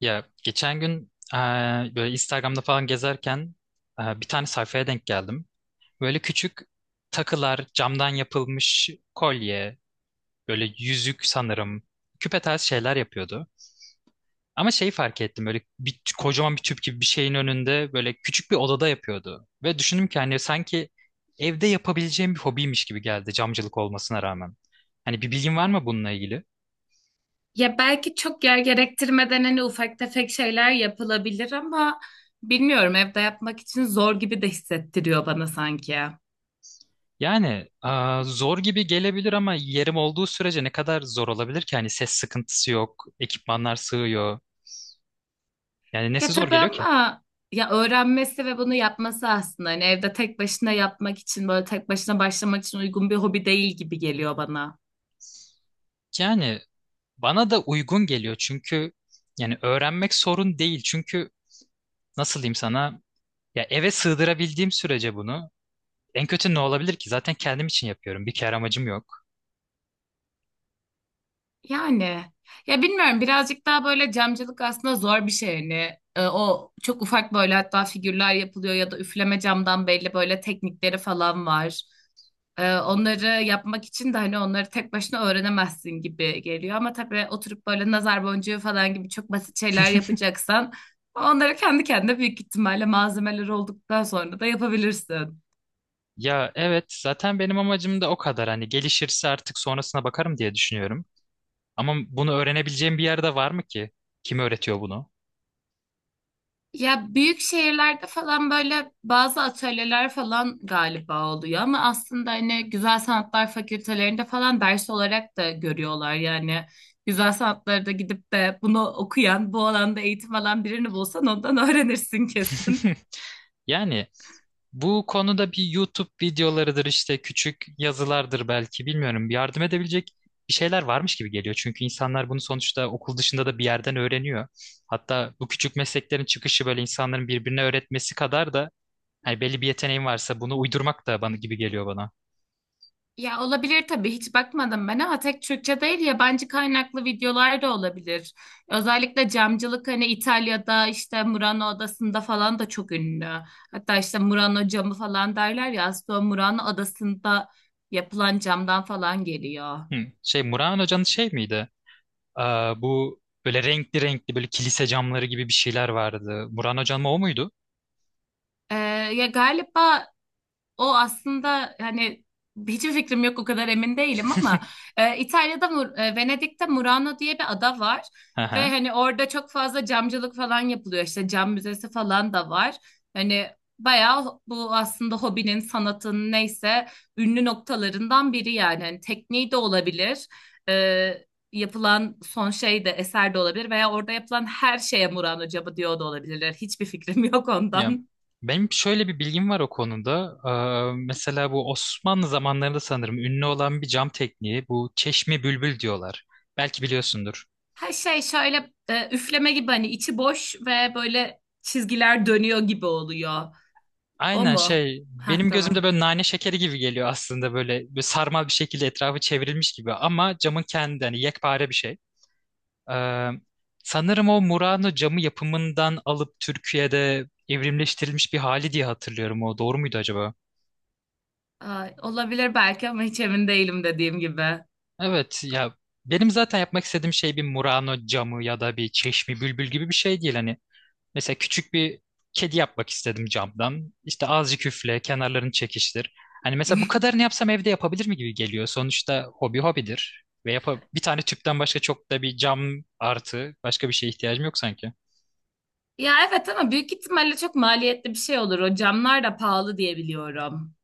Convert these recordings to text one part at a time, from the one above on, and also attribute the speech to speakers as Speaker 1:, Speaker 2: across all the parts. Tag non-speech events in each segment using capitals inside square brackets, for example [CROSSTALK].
Speaker 1: Ya geçen gün böyle Instagram'da falan gezerken bir tane sayfaya denk geldim. Böyle küçük takılar, camdan yapılmış kolye, böyle yüzük sanırım, küpe tarzı şeyler yapıyordu. Ama şeyi fark ettim böyle bir, kocaman bir tüp gibi bir şeyin önünde böyle küçük bir odada yapıyordu. Ve düşündüm ki hani sanki evde yapabileceğim bir hobiymiş gibi geldi camcılık olmasına rağmen. Hani bir bilgin var mı bununla ilgili?
Speaker 2: Ya belki çok yer gerektirmeden hani ufak tefek şeyler yapılabilir ama bilmiyorum, evde yapmak için zor gibi de hissettiriyor bana sanki.
Speaker 1: Yani zor gibi gelebilir ama yerim olduğu sürece ne kadar zor olabilir ki? Hani ses sıkıntısı yok, ekipmanlar sığıyor. Yani nesi
Speaker 2: Ya
Speaker 1: zor
Speaker 2: tabii
Speaker 1: geliyor ki?
Speaker 2: ama ya öğrenmesi ve bunu yapması, aslında hani evde tek başına yapmak için, böyle tek başına başlamak için uygun bir hobi değil gibi geliyor bana.
Speaker 1: Yani bana da uygun geliyor çünkü yani öğrenmek sorun değil. Çünkü nasıl diyeyim sana? Ya eve sığdırabildiğim sürece bunu en kötü ne olabilir ki? Zaten kendim için yapıyorum. Bir kere amacım yok.
Speaker 2: Yani ya bilmiyorum, birazcık daha böyle camcılık aslında zor bir şey hani. O çok ufak böyle, hatta figürler yapılıyor ya da üfleme camdan belli böyle teknikleri falan var. Onları yapmak için de hani onları tek başına öğrenemezsin gibi geliyor, ama tabii oturup böyle nazar boncuğu falan gibi çok basit şeyler yapacaksan, onları kendi kendine büyük ihtimalle malzemeler olduktan sonra da yapabilirsin.
Speaker 1: Ya evet zaten benim amacım da o kadar. Hani gelişirse artık sonrasına bakarım diye düşünüyorum. Ama bunu öğrenebileceğim bir yerde var mı ki? Kim öğretiyor bunu?
Speaker 2: Ya büyük şehirlerde falan böyle bazı atölyeler falan galiba oluyor ama aslında hani Güzel Sanatlar Fakültelerinde falan ders olarak da görüyorlar. Yani güzel sanatlarda gidip de bunu okuyan, bu alanda eğitim alan birini bulsan ondan öğrenirsin [LAUGHS] kesin.
Speaker 1: [LAUGHS] Yani bu konuda bir YouTube videolarıdır işte küçük yazılardır belki bilmiyorum. Yardım edebilecek bir şeyler varmış gibi geliyor. Çünkü insanlar bunu sonuçta okul dışında da bir yerden öğreniyor. Hatta bu küçük mesleklerin çıkışı böyle insanların birbirine öğretmesi kadar da hani belli bir yeteneğin varsa bunu uydurmak da bana gibi geliyor bana.
Speaker 2: Ya olabilir tabii, hiç bakmadım ben, ama tek Türkçe değil, yabancı kaynaklı videolar da olabilir. Özellikle camcılık hani İtalya'da, işte Murano Adası'nda falan da çok ünlü. Hatta işte Murano camı falan derler ya, aslında o Murano Adası'nda yapılan camdan falan geliyor.
Speaker 1: Hı. Şey Muran Hoca'nın şey miydi? Bu böyle renkli renkli böyle kilise camları gibi bir şeyler vardı. Muran Hoca'nın o muydu?
Speaker 2: Ee, ya galiba o aslında hani, hiçbir fikrim yok, o kadar emin değilim ama İtalya'da, Venedik'te Murano diye bir ada var
Speaker 1: Hı
Speaker 2: ve
Speaker 1: hı.
Speaker 2: hani orada çok fazla camcılık falan yapılıyor, işte cam müzesi falan da var. Hani bayağı bu aslında hobinin, sanatın, neyse ünlü noktalarından biri yani, hani tekniği de olabilir. e, yapılan son şey de, eser de olabilir, veya orada yapılan her şeye Murano camı diyor da olabilirler. Hiçbir fikrim yok
Speaker 1: Ya
Speaker 2: ondan.
Speaker 1: benim şöyle bir bilgim var o konuda. Mesela bu Osmanlı zamanlarında sanırım ünlü olan bir cam tekniği bu çeşme bülbül diyorlar. Belki biliyorsundur.
Speaker 2: Her şey şöyle üfleme gibi, hani içi boş ve böyle çizgiler dönüyor gibi oluyor. O
Speaker 1: Aynen
Speaker 2: mu?
Speaker 1: şey
Speaker 2: Ha,
Speaker 1: benim gözümde
Speaker 2: tamam.
Speaker 1: böyle nane şekeri gibi geliyor aslında böyle, böyle sarmal bir şekilde etrafı çevrilmiş gibi ama camın kendi hani yekpare bir şey. Ee, sanırım o Murano camı yapımından alıp Türkiye'de evrimleştirilmiş bir hali diye hatırlıyorum o doğru muydu acaba?
Speaker 2: Ay, olabilir belki ama hiç emin değilim, dediğim gibi.
Speaker 1: Evet ya benim zaten yapmak istediğim şey bir Murano camı ya da bir çeşmi bülbül gibi bir şey değil hani. Mesela küçük bir kedi yapmak istedim camdan. İşte azıcık üfle, kenarlarını çekiştir. Hani mesela bu kadarını yapsam evde yapabilir mi gibi geliyor. Sonuçta hobi hobidir. Ve yapa bir tane tüpten başka çok da bir cam artı başka bir şeye ihtiyacım yok sanki.
Speaker 2: Ya evet ama büyük ihtimalle çok maliyetli bir şey olur. O camlar da pahalı diye biliyorum.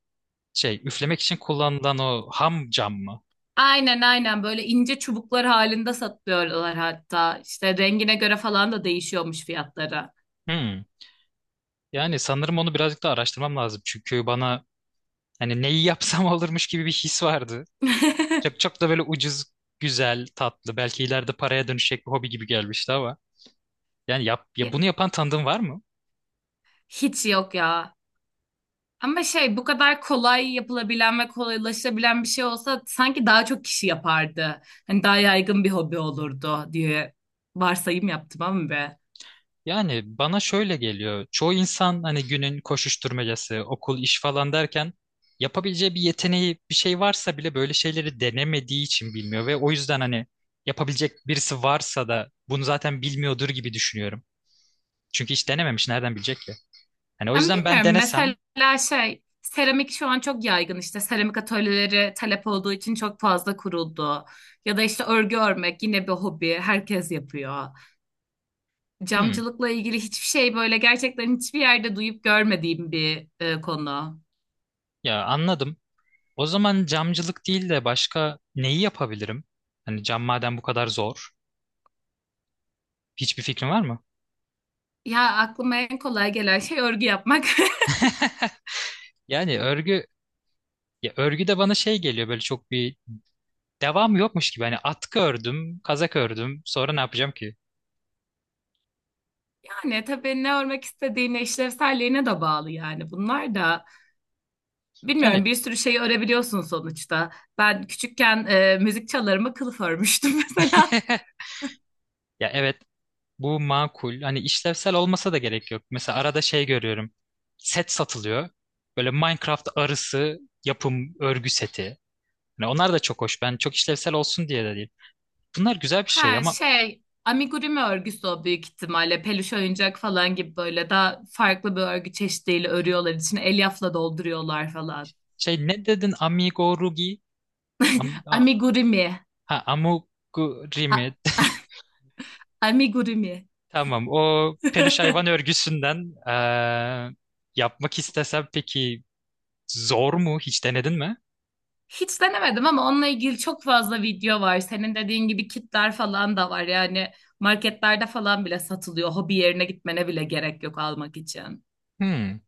Speaker 1: Şey üflemek için kullanılan o ham cam mı?
Speaker 2: Aynen, aynen, böyle ince çubuklar halinde satıyorlar hatta. İşte rengine göre falan da değişiyormuş fiyatları.
Speaker 1: Hmm. Yani sanırım onu birazcık daha araştırmam lazım. Çünkü bana hani neyi yapsam [LAUGHS] olurmuş gibi bir his vardı. Çok
Speaker 2: [LAUGHS]
Speaker 1: çok da böyle ucuz, güzel, tatlı, belki ileride paraya dönüşecek bir hobi gibi gelmişti ama. Yani yap, ya bunu yapan tanıdığın var mı?
Speaker 2: Hiç yok ya. Ama şey, bu kadar kolay yapılabilen ve kolaylaşabilen bir şey olsa sanki daha çok kişi yapardı. Hani daha yaygın bir hobi olurdu diye varsayım yaptım ama be.
Speaker 1: Yani bana şöyle geliyor. Çoğu insan hani günün koşuşturmacası, okul, iş falan derken yapabileceği bir yeteneği, bir şey varsa bile böyle şeyleri denemediği için bilmiyor ve o yüzden hani yapabilecek birisi varsa da bunu zaten bilmiyordur gibi düşünüyorum. Çünkü hiç denememiş, nereden bilecek ki? Hani o
Speaker 2: Ama
Speaker 1: yüzden ben
Speaker 2: bilmiyorum,
Speaker 1: denesem,
Speaker 2: mesela şey, seramik şu an çok yaygın, işte seramik atölyeleri talep olduğu için çok fazla kuruldu. Ya da işte örgü örmek, yine bir hobi, herkes yapıyor.
Speaker 1: hmm,
Speaker 2: Camcılıkla ilgili hiçbir şey, böyle gerçekten hiçbir yerde duyup görmediğim bir konu.
Speaker 1: ya anladım. O zaman camcılık değil de başka neyi yapabilirim? Hani cam madem bu kadar zor. Hiçbir fikrin var mı?
Speaker 2: Ya aklıma en kolay gelen şey örgü yapmak. [LAUGHS]
Speaker 1: [LAUGHS] Yani örgü ya örgü de bana şey geliyor böyle çok bir devamı yokmuş gibi. Hani atkı ördüm, kazak ördüm. Sonra ne yapacağım ki?
Speaker 2: Yani tabii ne örmek istediğine, işlevselliğine de bağlı yani, bunlar da.
Speaker 1: Yani
Speaker 2: Bilmiyorum, bir sürü şeyi örebiliyorsun sonuçta. Ben küçükken müzik çalarıma kılıf örmüştüm [LAUGHS] mesela.
Speaker 1: [LAUGHS] ya evet bu makul. Hani işlevsel olmasa da gerek yok. Mesela arada şey görüyorum. Set satılıyor. Böyle Minecraft arısı yapım örgü seti. Yani onlar da çok hoş. Ben çok işlevsel olsun diye de değil. Bunlar güzel bir şey
Speaker 2: Ha,
Speaker 1: ama
Speaker 2: şey, amigurumi örgüsü o büyük ihtimalle. Peluş oyuncak falan gibi, böyle daha farklı bir örgü çeşidiyle örüyorlar. İçine elyafla dolduruyorlar falan.
Speaker 1: şey ne dedin? Amigurumi? Am, a-
Speaker 2: Amigurumi.
Speaker 1: ha, amigurumi.
Speaker 2: A-
Speaker 1: [LAUGHS]
Speaker 2: amigurumi.
Speaker 1: Tamam. O peluş
Speaker 2: [LAUGHS]
Speaker 1: hayvan örgüsünden yapmak istesem peki zor mu? Hiç denedin mi?
Speaker 2: Hiç denemedim ama onunla ilgili çok fazla video var. Senin dediğin gibi kitler falan da var. Yani marketlerde falan bile satılıyor. Hobi yerine gitmene bile gerek yok almak için.
Speaker 1: Hmm.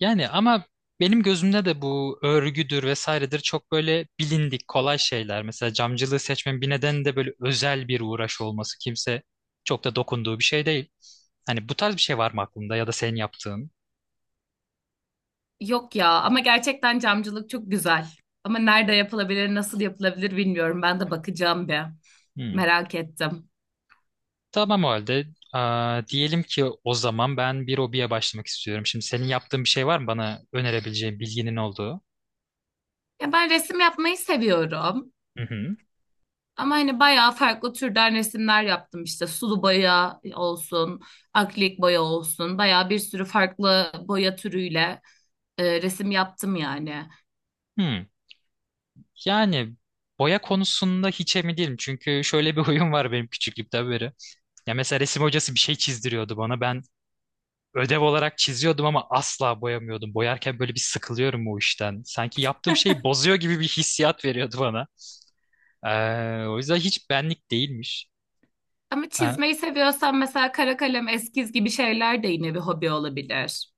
Speaker 1: Yani ama benim gözümde de bu örgüdür vesairedir çok böyle bilindik kolay şeyler. Mesela camcılığı seçmemin bir nedeni de böyle özel bir uğraş olması. Kimse çok da dokunduğu bir şey değil. Hani bu tarz bir şey var mı aklında ya da senin yaptığın?
Speaker 2: Yok ya, ama gerçekten camcılık çok güzel. Ama nerede yapılabilir, nasıl yapılabilir bilmiyorum. Ben de bakacağım bir.
Speaker 1: Hmm.
Speaker 2: Merak ettim.
Speaker 1: Tamam o halde. Diyelim ki o zaman ben bir hobiye başlamak istiyorum. Şimdi senin yaptığın bir şey var mı bana önerebileceğin bilginin olduğu?
Speaker 2: Ya ben resim yapmayı seviyorum.
Speaker 1: Hı hı.
Speaker 2: Ama hani bayağı farklı türden resimler yaptım, işte sulu boya olsun, akrilik boya olsun. Bayağı bir sürü farklı boya türüyle resim yaptım yani.
Speaker 1: Hmm. Yani boya konusunda hiç emin değilim. Çünkü şöyle bir [LAUGHS] huyum var benim küçüklükten beri. Ya mesela resim hocası bir şey çizdiriyordu bana. Ben ödev olarak çiziyordum ama asla boyamıyordum. Boyarken böyle bir sıkılıyorum o işten. Sanki yaptığım şeyi bozuyor gibi bir hissiyat veriyordu bana. O yüzden hiç benlik değilmiş.
Speaker 2: Ama
Speaker 1: Ha,
Speaker 2: çizmeyi seviyorsan mesela kara kalem, eskiz gibi şeyler de yine bir hobi olabilir.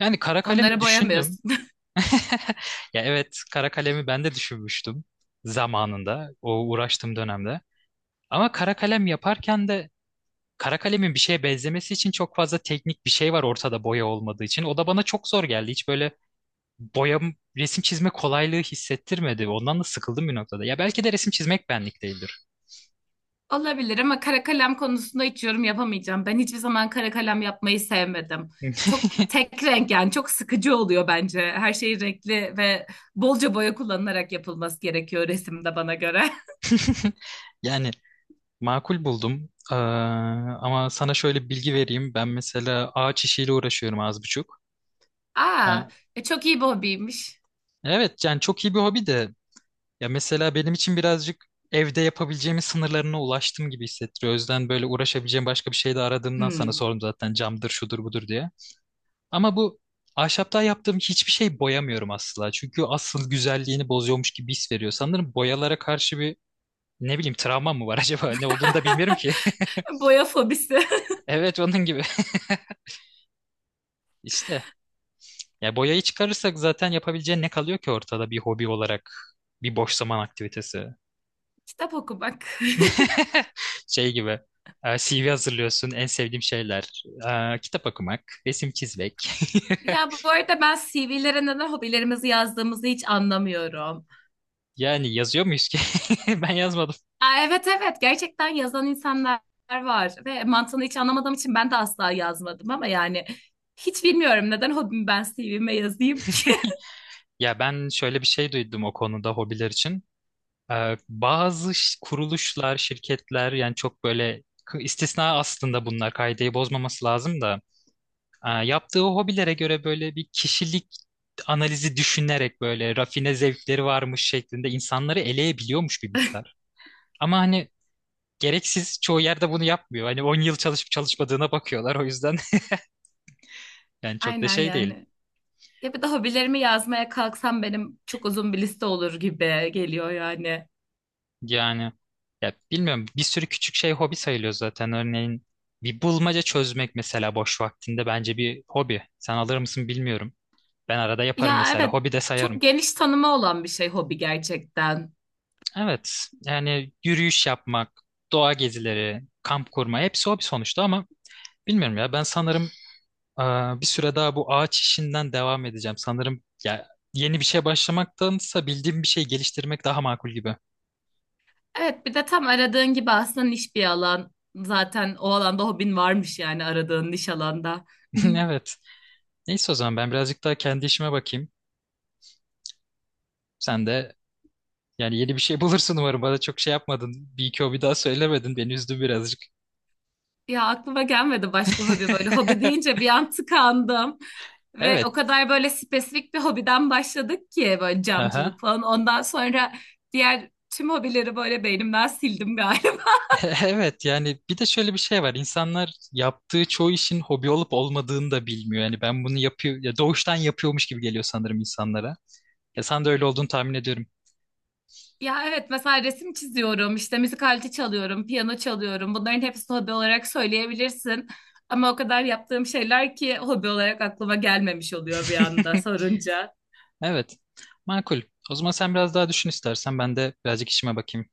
Speaker 1: yani kara kalemi
Speaker 2: Onları
Speaker 1: düşündüm.
Speaker 2: boyamıyorsun. [LAUGHS]
Speaker 1: [LAUGHS] Ya evet kara kalemi ben de düşünmüştüm zamanında o uğraştığım dönemde. Ama kara kalem yaparken de kara kalemin bir şeye benzemesi için çok fazla teknik bir şey var ortada boya olmadığı için. O da bana çok zor geldi. Hiç böyle boya resim çizme kolaylığı hissettirmedi. Ondan da sıkıldım bir noktada. Ya belki de resim çizmek benlik değildir.
Speaker 2: Olabilir, ama kara kalem konusunda hiç yorum yapamayacağım. Ben hiçbir zaman kara kalem yapmayı sevmedim. Çok tek renk, yani çok sıkıcı oluyor bence. Her şey renkli ve bolca boya kullanılarak yapılması gerekiyor resimde, bana göre.
Speaker 1: [LAUGHS] Yani makul buldum. Ama sana şöyle bir bilgi vereyim. Ben mesela ağaç işiyle uğraşıyorum az buçuk.
Speaker 2: Aa,
Speaker 1: Ha,
Speaker 2: çok iyi bir hobiymiş.
Speaker 1: evet yani çok iyi bir hobi de ya mesela benim için birazcık evde yapabileceğimin sınırlarına ulaştım gibi hissettiriyor. O yüzden böyle uğraşabileceğim başka bir şey de aradığımdan sana
Speaker 2: Hmm.
Speaker 1: sordum zaten camdır şudur budur diye. Ama bu ahşaptan yaptığım hiçbir şey boyamıyorum asla. Çünkü asıl güzelliğini bozuyormuş gibi his veriyor. Sanırım boyalara karşı bir ne bileyim travma mı var [LAUGHS] acaba? Ne olduğunu da bilmiyorum ki. [LAUGHS]
Speaker 2: [LAUGHS] Boya fobisi.
Speaker 1: Evet onun gibi. [LAUGHS] İşte. Ya boyayı çıkarırsak zaten yapabileceğin ne kalıyor ki ortada bir hobi olarak? Bir boş zaman aktivitesi.
Speaker 2: [LAUGHS] Kitap okumak. [LAUGHS]
Speaker 1: [LAUGHS] Şey gibi. CV hazırlıyorsun. En sevdiğim şeyler. Kitap okumak, resim çizmek. [LAUGHS]
Speaker 2: Ya bu arada ben CV'lere neden hobilerimizi yazdığımızı hiç anlamıyorum.
Speaker 1: Yani yazıyor muyuz ki? [LAUGHS] Ben yazmadım.
Speaker 2: Aa, evet, evet, gerçekten yazan insanlar var ve mantığını hiç anlamadığım için ben de asla yazmadım, ama yani hiç bilmiyorum neden hobimi ben CV'me yazayım ki.
Speaker 1: Ya ben şöyle bir şey duydum o konuda hobiler için. Bazı kuruluşlar, şirketler yani çok böyle istisna aslında bunlar kaideyi bozmaması lazım da yaptığı hobilere göre böyle bir kişilik analizi düşünerek böyle rafine zevkleri varmış şeklinde insanları eleyebiliyormuş bir miktar. Ama hani gereksiz. Çoğu yerde bunu yapmıyor. Hani 10 yıl çalışıp çalışmadığına bakıyorlar o yüzden. [LAUGHS] Yani
Speaker 2: [LAUGHS]
Speaker 1: çok da
Speaker 2: Aynen
Speaker 1: şey değil.
Speaker 2: yani. Ya bir de hobilerimi yazmaya kalksam benim çok uzun bir liste olur gibi geliyor yani.
Speaker 1: Yani ya bilmiyorum bir sürü küçük şey hobi sayılıyor zaten. Örneğin bir bulmaca çözmek mesela boş vaktinde bence bir hobi. Sen alır mısın bilmiyorum. Ben arada yaparım
Speaker 2: Ya
Speaker 1: mesela.
Speaker 2: evet,
Speaker 1: Hobi de sayarım.
Speaker 2: çok geniş tanımı olan bir şey hobi gerçekten.
Speaker 1: Evet yani yürüyüş yapmak, doğa gezileri, kamp kurma hepsi hobi sonuçta ama bilmiyorum ya ben sanırım bir süre daha bu ağaç işinden devam edeceğim. Sanırım ya yeni bir şey başlamaktansa bildiğim bir şey geliştirmek daha makul gibi.
Speaker 2: Evet, bir de tam aradığın gibi aslında niş bir alan. Zaten o alanda hobin varmış, yani aradığın niş alanda.
Speaker 1: [LAUGHS]
Speaker 2: [LAUGHS]
Speaker 1: Evet. Neyse o zaman ben birazcık daha kendi işime bakayım. Sen de yani yeni bir şey [LAUGHS] bulursun umarım. Bana çok şey yapmadın. Bir iki hobi daha söylemedin. Beni üzdü birazcık.
Speaker 2: Ya aklıma gelmedi başka hobi böyle. Hobi deyince
Speaker 1: [LAUGHS]
Speaker 2: bir an tıkandım. Ve o
Speaker 1: Evet.
Speaker 2: kadar böyle spesifik bir hobiden başladık ki, böyle
Speaker 1: Aha.
Speaker 2: camcılık falan. Ondan sonra diğer tüm hobileri böyle beynimden sildim galiba.
Speaker 1: [LAUGHS] Evet yani bir de şöyle bir şey var. İnsanlar yaptığı çoğu işin hobi olup olmadığını da bilmiyor. Yani ben bunu yapıyor ya doğuştan yapıyormuş gibi geliyor sanırım insanlara. Ya sen de öyle olduğunu tahmin ediyorum.
Speaker 2: Ya evet, mesela resim çiziyorum, işte müzik aleti çalıyorum, piyano çalıyorum. Bunların hepsini hobi olarak söyleyebilirsin. Ama o kadar yaptığım şeyler ki, hobi olarak aklıma gelmemiş oluyor bir anda
Speaker 1: [LAUGHS]
Speaker 2: sorunca.
Speaker 1: Evet. Makul. O zaman sen biraz daha düşün istersen. Ben de birazcık işime bakayım.